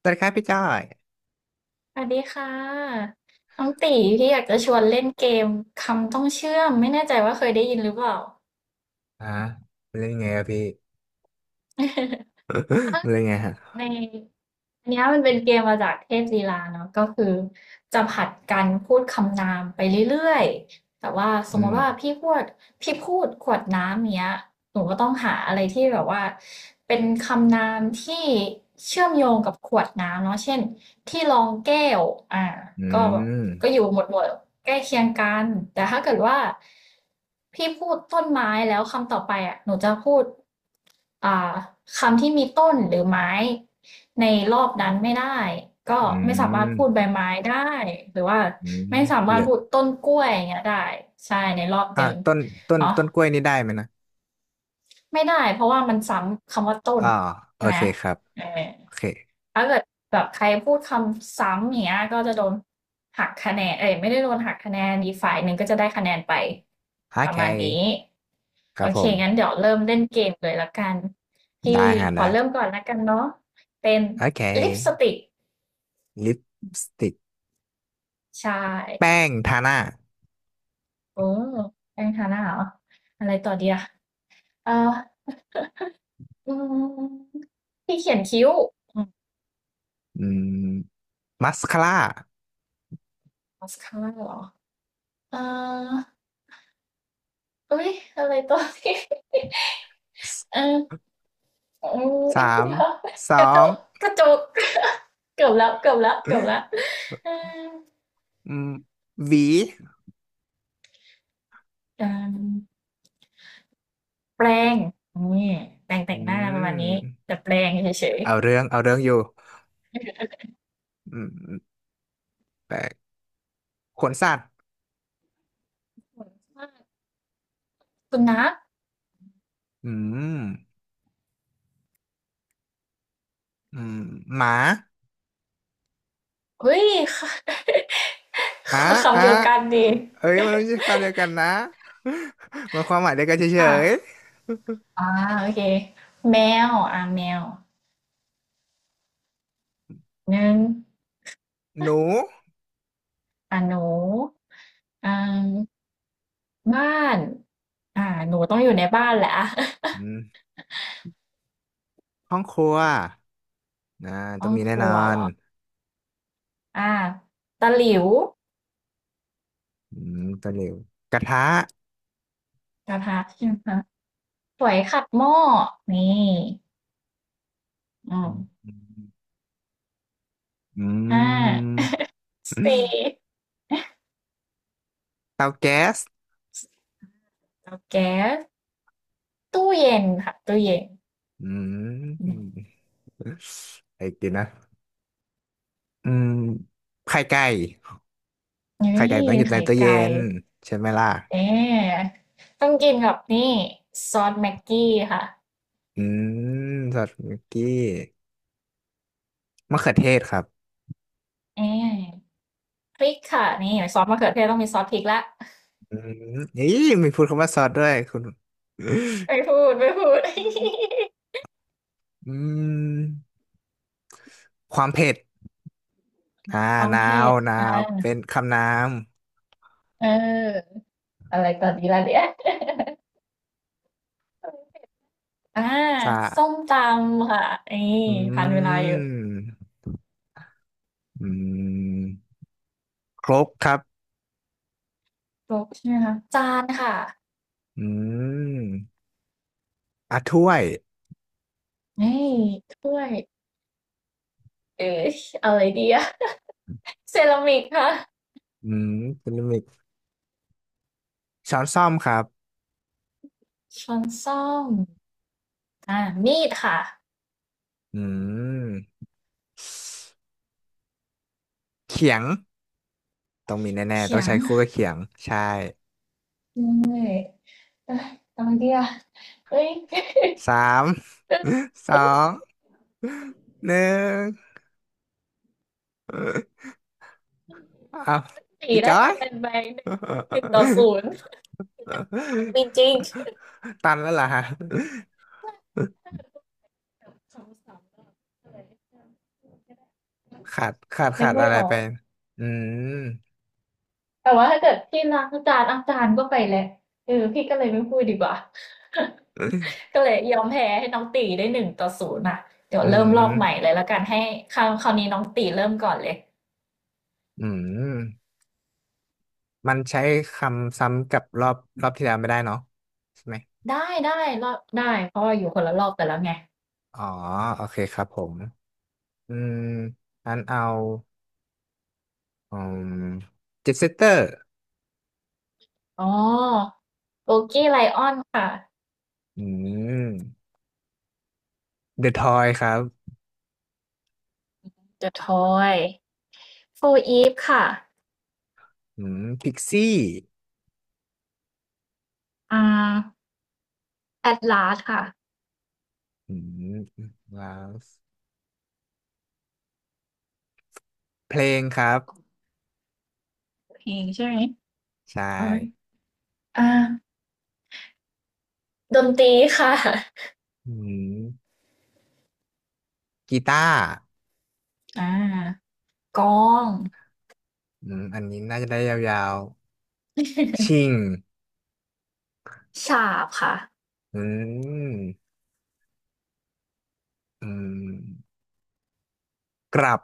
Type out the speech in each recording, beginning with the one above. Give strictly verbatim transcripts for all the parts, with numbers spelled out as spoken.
สวัสดีครับพี่จ้อยสวัสดีค่ะน้องตีพี่อยากจะชวนเล่นเกมคำต้องเชื่อมไม่แน่ใจว่าเคยได้ยินหรือเปล่า ฮะมันเล่นยังไงอะพี่ มัน เป็นยังไงฮะใน อันเนี้ยมันเป็นเกมมาจากเทพลีลาเนาะก็คือจะผลัดกันพูดคำนามไปเรื่อยๆแต่ว่าสมอืมติว่ามพี่พูดพี่พูดขวดน้ำเนี้ยหนูก็ต้องหาอะไรที่แบบว่าเป็นคำนามที่เชื่อมโยงกับขวดน้ำเนาะเช่นที่รองแก้วอ่าอืก็แบบมก็อยู่หมวดหมวดใกล้เคียงกันแต่ถ้าเกิดว่าพี่พูดต้นไม้แล้วคำต่อไปอ่ะหนูจะพูด อ่าคำที่มีต้นหรือไม้ในรอบนั้นไม่ได้ก็อืไม่สามารถพูดใบมไม้ได้หรือว่าอืไม่มสาเหมารถลือพูดต้นกล้วยอย่างเงี้ยได้ใช่ในรอบหอ่านึ่งต้นต้นเนาะต้นกล้วยนี่ได้ไหมนะไม่ได้เพราะว่ามันซ้ำคำว่าต้นอ่าโอใช่ไหมเคครับ เออโอเคถ้าเกิดแบบใครพูดคำซ้ำอย่างเงี้ยก็จะโดนหักคะแนนเอ้ยไม่ได้โดนหักคะแนนอีกฝ่ายหนึ่งก็จะได้คะแนนไปโอประเคมาณนี้ ครัโอบผเคมงั้นเดี๋ยวเริ่มเล่นเกมเลยละกันพี่ได้ฮะขอได้เริ่มก่อนละกันเนาะเป็นโอเคลิปสติกลิปสติกใช่แป้งทาหน้าโอ้แป้งทาหน้าเหรออะไรต่อดีอะเอ่ออืมพี่เขียนคิ้วอืมอืมมัสคาร่ามาสคาร่าเหรอเอ่อเอ้ยอะไรต่อดีสเอออืมสามสเดี๋ยวกอระจงกกระจก เกือบแล้วเกือบแล้วเกือบแล้วเอืมหวีออ แปรงนี่แปรงแต่อืงหน้าประมาณนี้มแต่แปรงเฉยเอาเรื่อง เอาเรื่องอยู่อืม ขนสัตว์ๆสุนัขอืมอืมหมาเฮ้ย อ่ะ อ่ะคำเดียวกันดีเอ้ยมันไม่ใช่คำเดียวกันนะ มันความหมายเดียวกันเฉอ่ะยอ่าโอเคแมวอ่าแมวหนึ่งๆหนูอ่าหนูอ่าบ้านอ่าหนูต้องอยู่ในบ้านแหละ อ่ะ อืมห้องครัวนะต้ต้อองงมีคแน่นรัอวเหรนออ่าตะหลิวอืมตะหลิวกระทะกระทะ ใช่ไหมคะสวยขัดหม้อนี่อือืมมอืห้ามสี่เตาแก๊สเตาแก๊ส ตู้เย็นค่ะตู้เย็นอือืมมไอ้กินนะอืมไข่ไก่นี่ไข่ไก่ต้องอยู่ในไข่ตู้เย็ไก่นใช่ไหมล่ะเอ๊ะต้องกินกับนี่ซอสแม็กกี้ค่ะอืมสอดมิกกี้มะเขือเทศครับ เอ๊ะพริกค่ะนี่ซอสมะเขือเทศต้องมีซอสพริกละอืมนี่มีพูดคำว่าซอสด้วยคุณไม่พูดไม่พูด อืมความเผ็ดอ่า ความนาเผ็วดหนาวอ่าเป็นคำนามเอออะไรตอนนี้ล่ะเนี่ย อ่าสะส้มตำค่ะนี่อืทานเวลาอยู่มอืมครกครับครบใช่ไหมคะจานค่ะอืมอ่ะถ้วยนี่ถ้วยเอ๊ะอะไรดีอะ เซรามิกค่ะ อืมเป็นลิมิกช้อนส้อมครับช้อนส้อมอ่ามีดค่ะอืมเขียงต้องมีแน่ๆต้เขีองยงใช้คู่กับเขียงใช่เลยเอ้ยทำไมดีอ่ะเอ้ยเอ้ยสาม สเอ้ยองหนึ่งอ้าวสี่พี่จได้อคะย แนนไปหนึ่งต่อศูนย์ออจริงตันแล้วเหรอฮะๆถ้าเป็นพวกแบบคำศัพท์ก็เลยนึขาดขาดขากดไม่อะไรออไป ก อืม แต่ว่าถ้าเกิดพี่ล้างจานอาจารย์ก็ไปแหละเออพี่ก็เลยไม่พูดดีกว่า อ ก็เลยยอมแพ้ให้น้องตีได้หนึ่งต่อศูนย์อ่ะเดี๋ยวืเริ่มรอบใหม่ม เลยแล้วกันให้คราวคราวนี้น้องตีเริ่มก่อนเลยอืม มันใช้คำซ้ำกับรอบรอบที่แล้วไม่ได้เนาะใช่ไหม ได้ได้รอบได้เพราะว่าอยู่คนละรอบกันแล้วไงอ๋อโอเคครับผม อืมอันเอา อืมเจ็ตเซตเตอร์อ๋อโบกี้ไลออนค่ะ อืมเดอะทอยครับ The Toy โฟูอีฟค่ะอืมพิกซี่อ่า a อด a s สค่ะอืมว้าวเพลงครับเพลงใช่ไหมใช่ เอ้ยอ่าดนตรีค่ะอืมกีตาร์ อ่ากลองอืมอันนี้น่าจะได้ยาวๆชิงฉาบค่ะ อืมอืมกลับ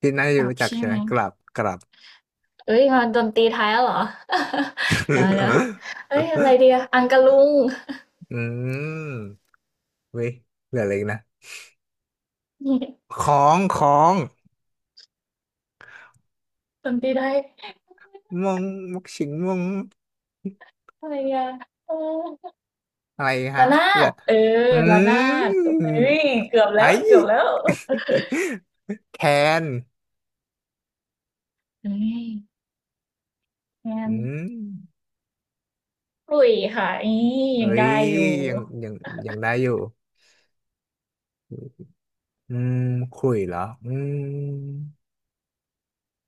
ที่น่าจะกลับรู้จักใช่ใช่ไหไหมมกลับกลับ เอ้ยมาดนตรีไทยแล้วเหรอ เดี๋ยวนะเอ้ยอะไรเดียอังกะลุง อืมเว้ยเหลืออะไรอีกนะข องของดนตรีไทยมงมกชิงมงอะไรเดียเอออะไรฮะระนาเหลือดเอออืระนาดมเฮ้ยเกือบแล้วไอ้ เกือบแล้ว แคนเฮ้ยงานอืมปลุยค่ะอีเอ้ยังยได้อยู่ยังยังยังได้อยู่อืมคุยเหรออืม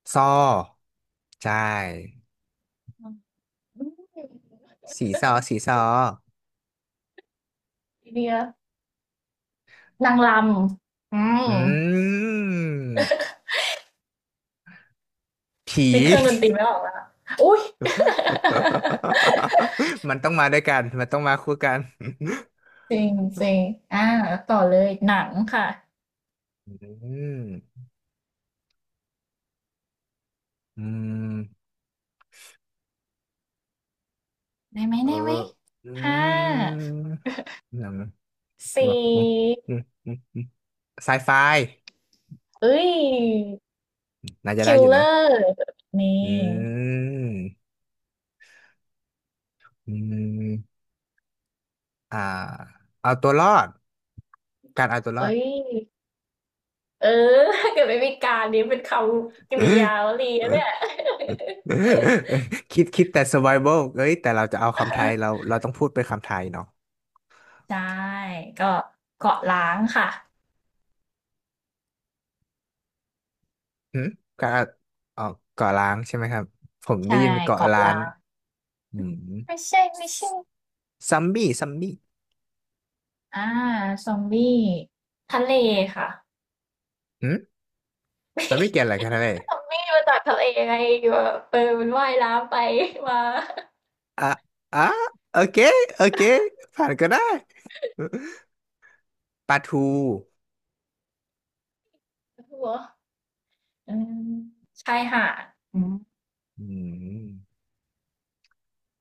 ซอใช่อืมสีซอสีซอไอเดียนางรำอืมอืมผี นึกเครื่องดนตรีไม่ออกแล้วอุ้ย มันต้องมาด้วยกันมันต้องมาคู่กัน จริงจริงอ่าต่อเลยหนังค่ะ อืมอืมได้ไหมเอได้ไหมออืห้ามหนังหนังสี่อืมอืมอืมไซไฟเอ้ยน่าจะคิได้ลอยู่เลอนะร์นี่อืมอืมอ่าเอาตัวรอดการเอาตัวรอด เอ้ยเออถ้าเกิดไม่มีการนี้เป็นคำกริยาวลีนะเนี่ย คิดคิดแต่ survival เอ้ยแต่เราจะเอาคำไทยเรา เราต้องพูดเป็นคำไทยเนาะใช่ก็เกาะล้างค่ะหืมก็ออกเกาะล้างใช่ไหมครับผมได้ใช่ยินเป็นเกาะเกาะล้าล้านงอืมไม่ใช่ไม่ใช่ซัมบี้ซัมบี้อ่าซอมบี้ทะเลค่ะหืมเราไม่เกี่ยวอะไรกันนะเลยก็ซอมบี้มาจากทะเลไงอยู่แบบเออมันว่ายน้ำไปมาอ่ะอ่ะโอเคโอเคผ่านก็ได้ปลาทูหัว อืมชายหาดอืมอืม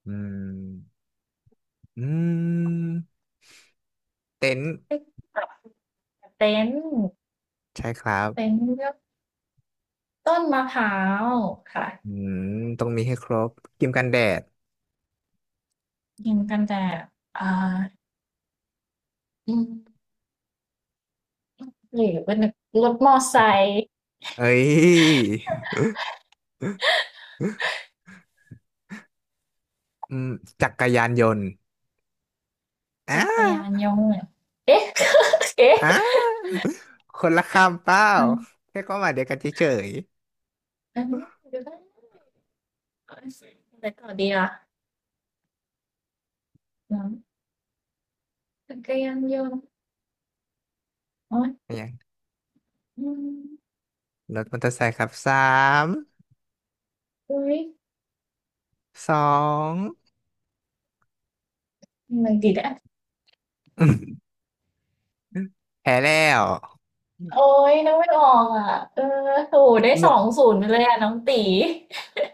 อืมอืมเต็นท์ที่แบบเต็นท์ใช่ครัเต็บนท์เลือกต้นมะพร้าวค่ะอืมต้องมีให้ครบครีมกันแดด กิงกันแต่อ่าอืมหรือเป็นรถมอไซค์เอ้ยอืมจักรยานยนต์จัอ่ากรยานยนต์เอ๊ะ เอ๊ะอ่าคนละคำเปล่าเออแค่ความหมายเดียวกันเฉยเออดูได้อะไรต่อดีล่ะน้ำจักรยานยนต์โอ๊ยๆอะไรอย่างอืมรถมอเตอร์ไซค์ครับสามอุ้ยสอง อะไรดีนะ อืมแพ้แล้วโอ๊ยนองไม่ออกอ่ะเออโหพี่ได้หมสวอกงศูนย์ไปเลยอ่ะน้องตี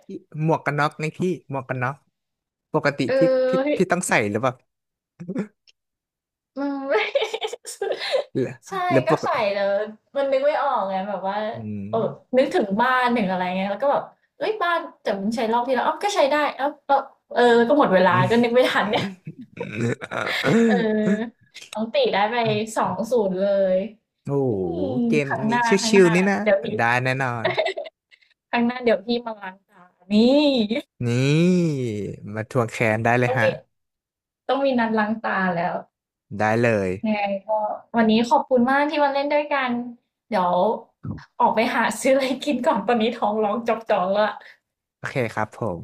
พี่หมวกกันน็อกนี่พี่หมวกกันน็อกปกติเอพี่พี่อ พี่ต้องใส่หรือเปล่าอืม ไม่หรือใช่หรือปก็กใส่แล้วมันนึกไม่ออกไงแบบว่าอืม เออนึกถึงบ้านถึงอะไรเงี้ยแล้วก็แบบเฮ้ยบ้านแต่มันใช้รอบที่แล้วอ้าวก็ใช้ได้อ้าวก็เออก็หมดเว ลาอืมก็นึกไม่ทันเนี่ยเออน้องติได้ไปสองศูนย์เลยโอ้โอืหมเกมครั้งหนี้น้าครั้งชิหวน้าๆนี่นะเดี๋ยวพี่ได้แน่นอน ครั้งหน้าเดี๋ยวพี่มาล้างตานี่นี่มาทวงแค้นได้เลยต้องฮะมีต้องมีนัดล้างตาแล้ว ได้เลยยังไงก็วันนี้ขอบคุณมากที่มาเล่นด้วยกันเดี๋ยวออกไปหาซื้ออะไรกินก่อนตอนนี้ท้องร้องจอกๆแล้วโอเคครับผม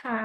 ค่ะ